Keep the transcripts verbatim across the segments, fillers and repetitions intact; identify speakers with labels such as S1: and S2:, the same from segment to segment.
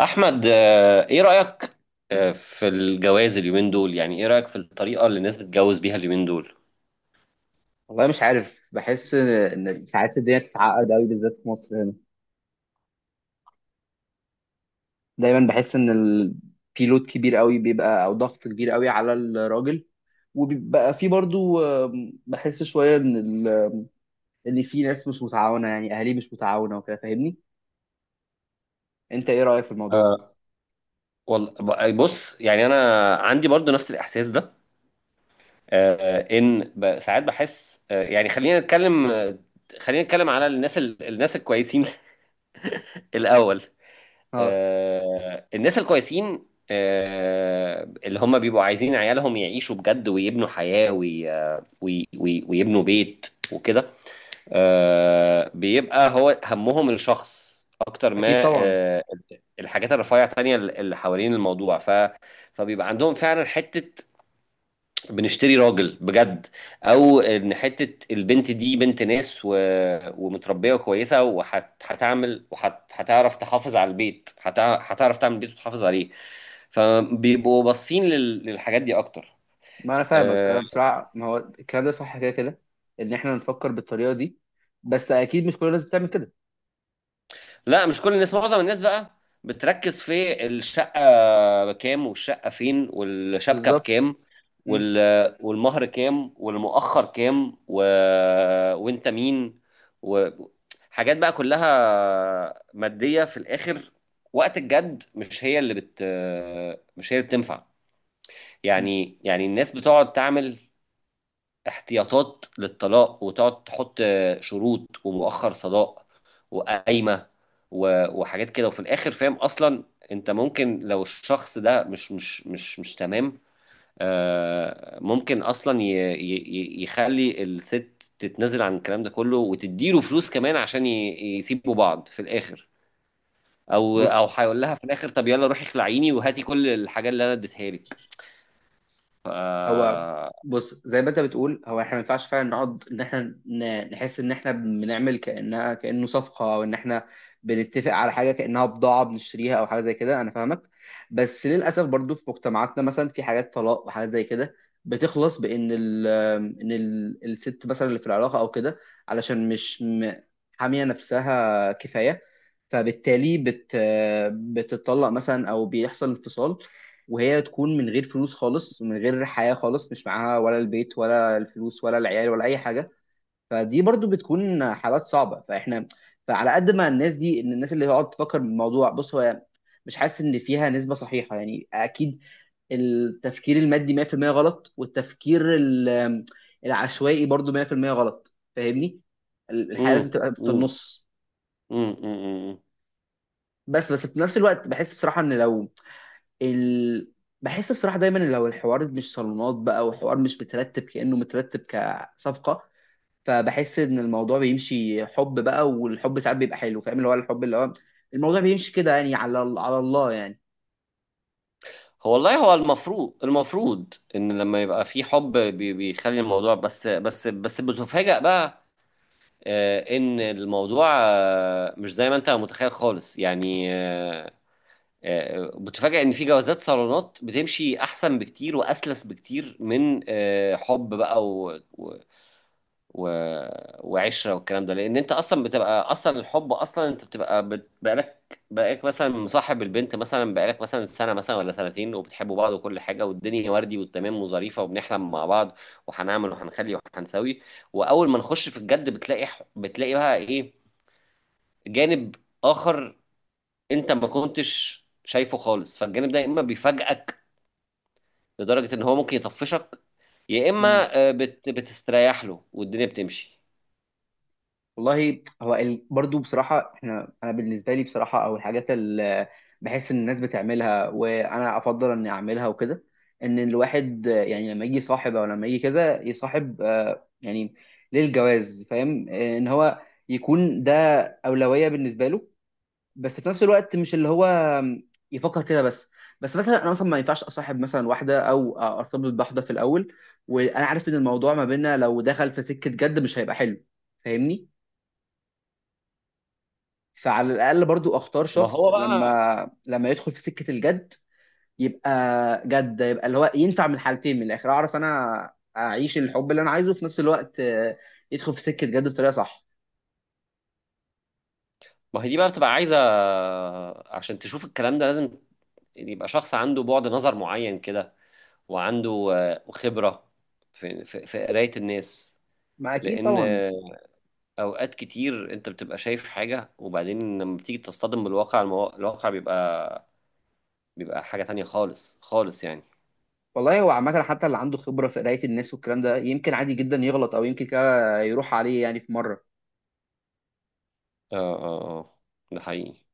S1: احمد، آه، ايه رايك آه، في الجواز اليومين دول؟ يعني ايه رايك في الطريقه اللي الناس بتتجوز بيها اليومين دول؟
S2: والله مش عارف، بحس ان إن ساعات الدنيا بتتعقد قوي بالذات في مصر هنا. دايما بحس ان ال... في لود كبير قوي بيبقى او ضغط كبير قوي على الراجل، وبيبقى في برضو آم، بحس شويه ان ال... ان في ناس مش متعاونه، يعني اهالي مش متعاونه وكده، فاهمني؟ انت ايه رايك في الموضوع؟
S1: آه، والله، ب- بص، يعني انا عندي برضو نفس الاحساس ده. آه، ان ب- ساعات بحس، آه، يعني خلينا نتكلم، آه، خلينا نتكلم على الناس ال- الناس الكويسين الاول.
S2: اه،
S1: آه، الناس الكويسين، آه، اللي هم بيبقوا عايزين عيالهم يعيشوا بجد ويبنوا حياه وي- وي- وي- ويبنوا بيت وكده. آه، بيبقى هو همهم الشخص اكتر ما
S2: اكيد طبعا.
S1: آه، الحاجات الرفيعه التانية اللي حوالين الموضوع، ف فبيبقى عندهم فعلا حته، بنشتري راجل بجد، او ان حته البنت دي بنت ناس، و... ومتربيه وكويسه وهتعمل وهتعرف تحافظ على البيت، هتع- هتعرف تعمل بيت وتحافظ عليه. فبيبقوا باصين لل... للحاجات دي اكتر.
S2: ما انا فاهمك، انا
S1: آه،
S2: بصراحه ما هو الكلام ده صح كده كده، ان احنا نفكر بالطريقه دي، بس اكيد مش كل الناس بتعمل كده.
S1: لا، مش كل الناس، معظم الناس بقى بتركز في الشقة بكام، والشقة فين، والشبكة
S2: بالظبط.
S1: بكام،
S2: مم.
S1: وال... والمهر كام، والمؤخر كام، و... وانت مين، وحاجات بقى كلها مادية في الآخر. وقت الجد مش هي اللي بت مش هي اللي بتنفع. يعني يعني الناس بتقعد تعمل احتياطات للطلاق، وتقعد تحط شروط، ومؤخر صداق، وقايمة، و- وحاجات كده، وفي الآخر فاهم أصلا أنت ممكن، لو الشخص ده مش مش مش مش تمام، آه، ممكن أصلا ي- ي- ي- يخلي الست تتنازل عن الكلام ده كله، وتديله فلوس كمان عشان ي- يسيبوا بعض في الآخر. أو أو
S2: بص.
S1: هيقول لها في الآخر طب يلا روحي اخلعيني وهاتي كل الحاجات اللي أنا اديتها لك. ف...
S2: هو بص، زي ما انت بتقول، هو احنا ما ينفعش فعلا نقعد ان احنا ن- نحس ان احنا بنعمل كانها، كانه صفقه، او ان احنا بنتفق على حاجه كانها بضاعه بنشتريها او حاجه زي كده، انا فاهمك. بس للاسف برضو في مجتمعاتنا مثلا في حاجات طلاق وحاجات زي كده بتخلص بان ال ان ال الست مثلا اللي في العلاقه او كده علشان مش م- حاميه نفسها كفايه، فبالتالي بت بتطلق مثلا او بيحصل انفصال وهي تكون من غير فلوس خالص، من غير حياة خالص، مش معاها ولا البيت ولا الفلوس ولا العيال ولا أي حاجة. فدي برضو بتكون حالات صعبة. فإحنا، فعلى قد ما الناس دي، إن الناس اللي هتقعد تفكر بالموضوع، بص، هو مش حاسس إن فيها نسبة صحيحة، يعني أكيد التفكير المادي مية في المية غلط، والتفكير ال- العشوائي برضو مئة في المئة غلط، فاهمني؟ ال- الحياة لازم
S1: مم.
S2: تبقى في
S1: مم.
S2: النص.
S1: مم. مم.
S2: بس بس في نفس الوقت بحس بصراحة إن لو ال... بحس بصراحة دايما لو الحوار مش صالونات بقى، وحوار مش مترتب كأنه مترتب كصفقة، فبحس إن الموضوع بيمشي حب بقى، والحب ساعات بيبقى حلو، فاهم؟ اللي هو الحب، اللي هو الموضوع بيمشي كده يعني، على على الله يعني.
S1: هو والله هو المفروض المفروض ان لما يبقى في حب بي- بيخلي الموضوع، بس بس بس بتفاجأ بقى. آه، ان الموضوع آه، مش زي ما انت متخيل خالص يعني. آه، آه، بتفاجأ ان في جوازات صالونات بتمشي احسن بكتير واسلس بكتير من آه، حب بقى، و... وعشره والكلام ده، لان انت اصلا بتبقى اصلا الحب، اصلا انت بتبقى بت... بقالك بقالك مثلا مصاحب البنت، مثلا بقالك مثلا سنه، مثلا ولا سنتين، وبتحبوا بعض وكل حاجه، والدنيا وردي والتمام وظريفه، وبنحلم مع بعض، وهنعمل وهنخلي وهنسوي. واول ما نخش في الجد بتلاقي ح- بتلاقي بقى ايه، جانب اخر انت ما كنتش شايفه خالص. فالجانب ده يا اما بيفاجئك لدرجه ان هو ممكن يطفشك، يا اما آه، بت... بتستريح له والدنيا بتمشي.
S2: والله هو ال... برضو بصراحة احنا، انا بالنسبة لي بصراحة، او الحاجات اللي بحس ان الناس بتعملها وانا افضل اني اعملها وكده، ان الواحد آه، يعني لما يجي صاحب او لما يجي كده يصاحب آه، يعني للجواز، فاهم؟ آه، ان هو يكون ده أولوية بالنسبة له، بس في نفس الوقت مش اللي هو آم، يفكر كده بس. بس مثلا انا مثلا ما ينفعش اصاحب مثلا واحدة او ارتبط بواحدة في الاول وانا عارف ان الموضوع ما بيننا لو دخل في سكة جد مش هيبقى حلو، فاهمني؟ فعلى الاقل برضو اختار
S1: ما
S2: شخص
S1: هو بقى.
S2: لما لما يدخل في سكه الجد يبقى جد، يبقى اللي هو ينفع من الحالتين. من الاخر، اعرف انا اعيش الحب اللي انا عايزه، في نفس الوقت آه، يدخل في سكه جد بطريقه صح.
S1: ما هي دي بقى بتبقى عايزة، عشان تشوف الكلام ده لازم يبقى شخص عنده بعد نظر معين كده، وعنده آه، خبرة في في في قراية الناس.
S2: ما اكيد
S1: لأن
S2: طبعا.
S1: آه، أوقات كتير أنت بتبقى شايف حاجة، وبعدين لما بتيجي تصطدم بالواقع المو... الواقع بيبقى بيبقى حاجة تانية خالص خالص يعني.
S2: والله هو عامه حتى اللي عنده خبره في قرايه الناس والكلام ده يمكن عادي جدا يغلط او يمكن كده يروح عليه، يعني في مره.
S1: اه، اه، اه. ده حقيقي.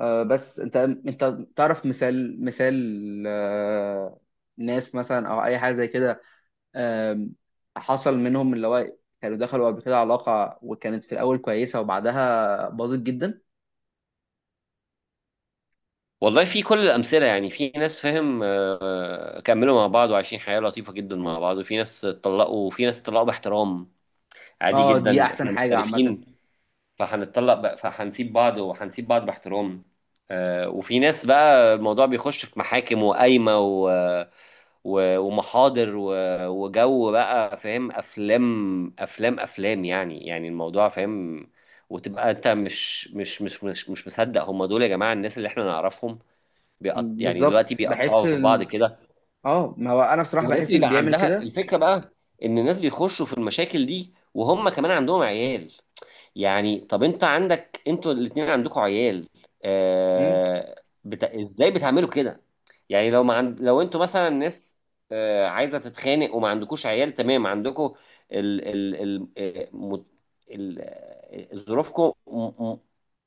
S2: آه، بس انت، انت تعرف مثال، مثال آه، ناس مثلا او اي حاجه زي كده آم، حصل منهم اللي هو كانوا دخلوا قبل كده علاقة وكانت في الأول كويسة وبعدها باظت جدا.
S1: والله في كل الأمثلة، يعني في ناس فاهم. آه، آه، كملوا مع بعض وعايشين حياة لطيفة جدا مع بعض، وفي ناس اتطلقوا، وفي ناس اتطلقوا باحترام. عادي
S2: اه، دي
S1: جدا
S2: أحسن
S1: احنا
S2: حاجة عامة.
S1: مختلفين، فهنتطلق بقى، فهنسيب بعض، وهنسيب بعض باحترام. آه، وفي ناس بقى الموضوع بيخش في محاكم وقايمة و... و... ومحاضر و... وجو بقى، فاهم، أفلام أفلام أفلام، يعني يعني الموضوع فاهم. وتبقى أنت مش مش مش مش, مش مصدق هم دول، يا جماعة، الناس اللي احنا نعرفهم بيقط... يعني
S2: بالظبط.
S1: دلوقتي
S2: بحس
S1: بيقطعوا في بعض
S2: ال...
S1: كده.
S2: اه، ما هو أنا بصراحة
S1: وناس
S2: بحس اللي
S1: بيبقى
S2: بيعمل
S1: عندها
S2: كده.
S1: الفكرة بقى، إن الناس بيخشوا في المشاكل دي وهم كمان عندهم عيال. يعني طب انت عندك انتوا الاتنين عندكوا عيال،
S2: مم.
S1: آه بت... ازاي بتعملوا كده؟ يعني لو ما عند... لو انتوا مثلا ناس آه عايزه تتخانق وما عندكوش عيال، تمام، عندكوا ال... ال... ال... آه، مت... ال... آه، ظروفكم م... م...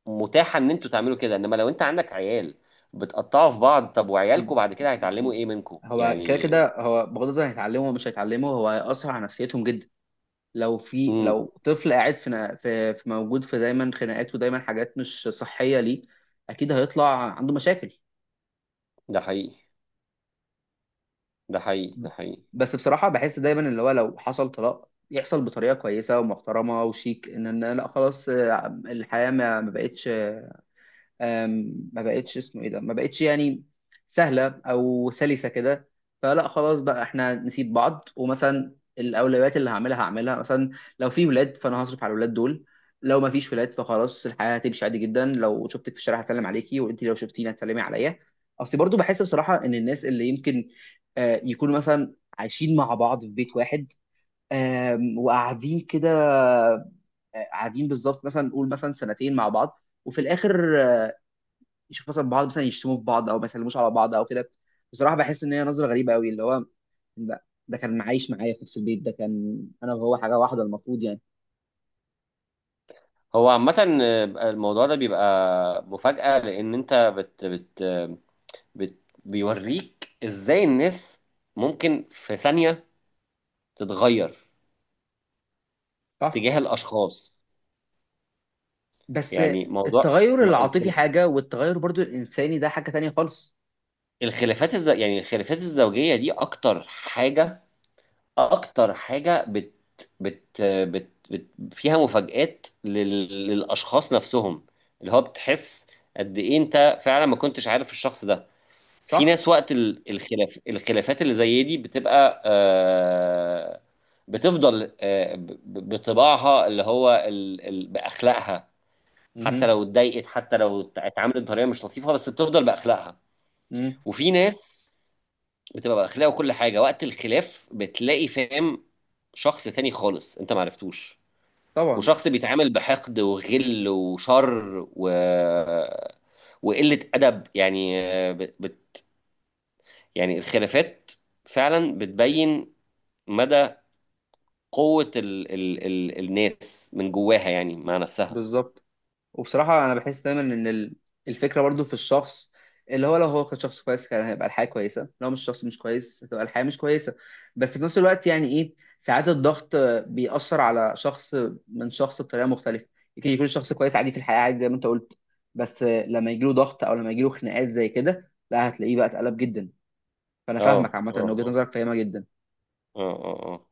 S1: متاحه ان انتوا تعملوا كده، انما لو انت عندك عيال بتقطعوا في بعض، طب وعيالكم بعد كده هيتعلموا ايه منكم
S2: هو كده
S1: يعني؟
S2: كده، هو بغض النظر هيتعلمه ومش هيتعلمه، هو هيأثر على نفسيتهم جدا. لو في،
S1: امم.
S2: لو طفل قاعد في نا- في في موجود في دايما خناقات ودايما حاجات مش صحية ليه، أكيد هيطلع عنده مشاكل.
S1: ده حقيقي، ده حقيقي، ده حقيقي.
S2: بس بصراحة بحس دايما اللي هو لو حصل طلاق يحصل بطريقة كويسة ومحترمة وشيك، ان إن لا خلاص، آه، الحياة ما ما بقتش آم، ما بقتش اسمه ايه ده، ما بقتش يعني سهله او سلسه كده، فلا خلاص بقى، احنا نسيب بعض، ومثلا الاولويات اللي هعملها هعملها مثلا لو في ولاد فانا هصرف على الولاد دول، لو ما فيش ولاد فخلاص الحياه هتمشي عادي جدا. لو شفتك في الشارع هتكلم عليكي، وانت لو شفتيني هتسلمي عليا. اصل برضو بحس بصراحه ان الناس اللي يمكن آه، يكونوا مثلا عايشين مع بعض في بيت واحد، آم، وقاعدين كده، آه، قاعدين بالظبط مثلا، نقول مثلا سنتين مع بعض، وفي الاخر يشوف مثلا بعض مثلا يشتموا في بعض او ما يسلموش على بعض او كده، بصراحه بحس ان هي نظره غريبه قوي اللي هو ده, ده كان معايش معايا في نفس البيت، ده كان انا وهو حاجه واحده المفروض يعني.
S1: هو عامة آه، الموضوع ده بيبقى مفاجأة، لأن أنت بت بت بت بيوريك إزاي الناس ممكن في ثانية تتغير
S2: صح.
S1: تجاه الأشخاص.
S2: بس
S1: يعني موضوع
S2: التغير
S1: م-
S2: العاطفي
S1: الخل-
S2: حاجه، والتغير برضو الانساني ده حاجه تانية خالص.
S1: الخلافات الز... يعني الخلافات الزوجية دي أكتر حاجة، أكتر حاجة بت بت بت, بت فيها مفاجآت لل... للأشخاص نفسهم، اللي هو بتحس قد إيه أنت فعلا ما كنتش عارف الشخص ده. في
S2: صح؟
S1: ناس وقت ال- الخلاف الخلافات اللي زي دي بتبقى، آه، بتفضل، آه، ب- ب- بطباعها، اللي هو ال- ال- بأخلاقها. حتى
S2: امم.
S1: لو اتضايقت، حتى لو ات- اتعاملت بطريقة مش لطيفة، بس بتفضل بأخلاقها.
S2: امم.
S1: وفي ناس بتبقى بأخلاقها وكل حاجة، وقت الخلاف بتلاقي، فاهم، شخص تاني خالص انت معرفتوش،
S2: طبعا.
S1: وشخص بيتعامل بحقد وغل وشر و... وقلة أدب، يعني آه، بت- يعني الخلافات فعلا بتبين مدى قوة ال ال ال الناس من جواها يعني مع نفسها.
S2: بالظبط. وبصراحة أنا بحس دايما إن ال- الفكرة برضو في الشخص، اللي هو لو هو كان شخص كويس كان هيبقى الحياة كويسة، لو مش شخص مش كويس هتبقى الحياة مش كويسة، بس في نفس الوقت يعني إيه، ساعات الضغط بيأثر على شخص من شخص بطريقة مختلفة. يمكن يكون الشخص كويس عادي في الحياة، عادي زي ما أنت قلت، بس لما يجيله ضغط أو لما يجيله خناقات زي كده، لا هتلاقيه بقى اتقلب جدا. فأنا
S1: اه،
S2: فاهمك عامة،
S1: اه،
S2: إن وجهة
S1: اه.
S2: نظرك فاهمة جدا.
S1: اه، اه، اه.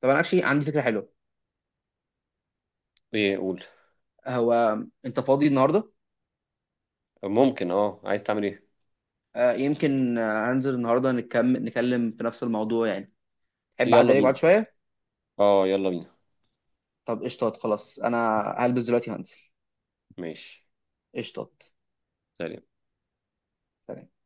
S2: طب أنا أكشلي عندي فكرة حلوة.
S1: ايه قول؟
S2: هو أنت فاضي النهاردة؟
S1: ممكن. اه، عايز تعمل ايه؟
S2: آه، يمكن آه، هنزل النهاردة نكمل نتكلم في نفس الموضوع يعني، تحب اعدي
S1: يلا
S2: عليك بعد
S1: بينا.
S2: شويه؟
S1: اه يلا بينا.
S2: طب قشطات، خلاص انا هلبس دلوقتي هنزل.
S1: ماشي.
S2: قشطات.
S1: سلام.
S2: سلام.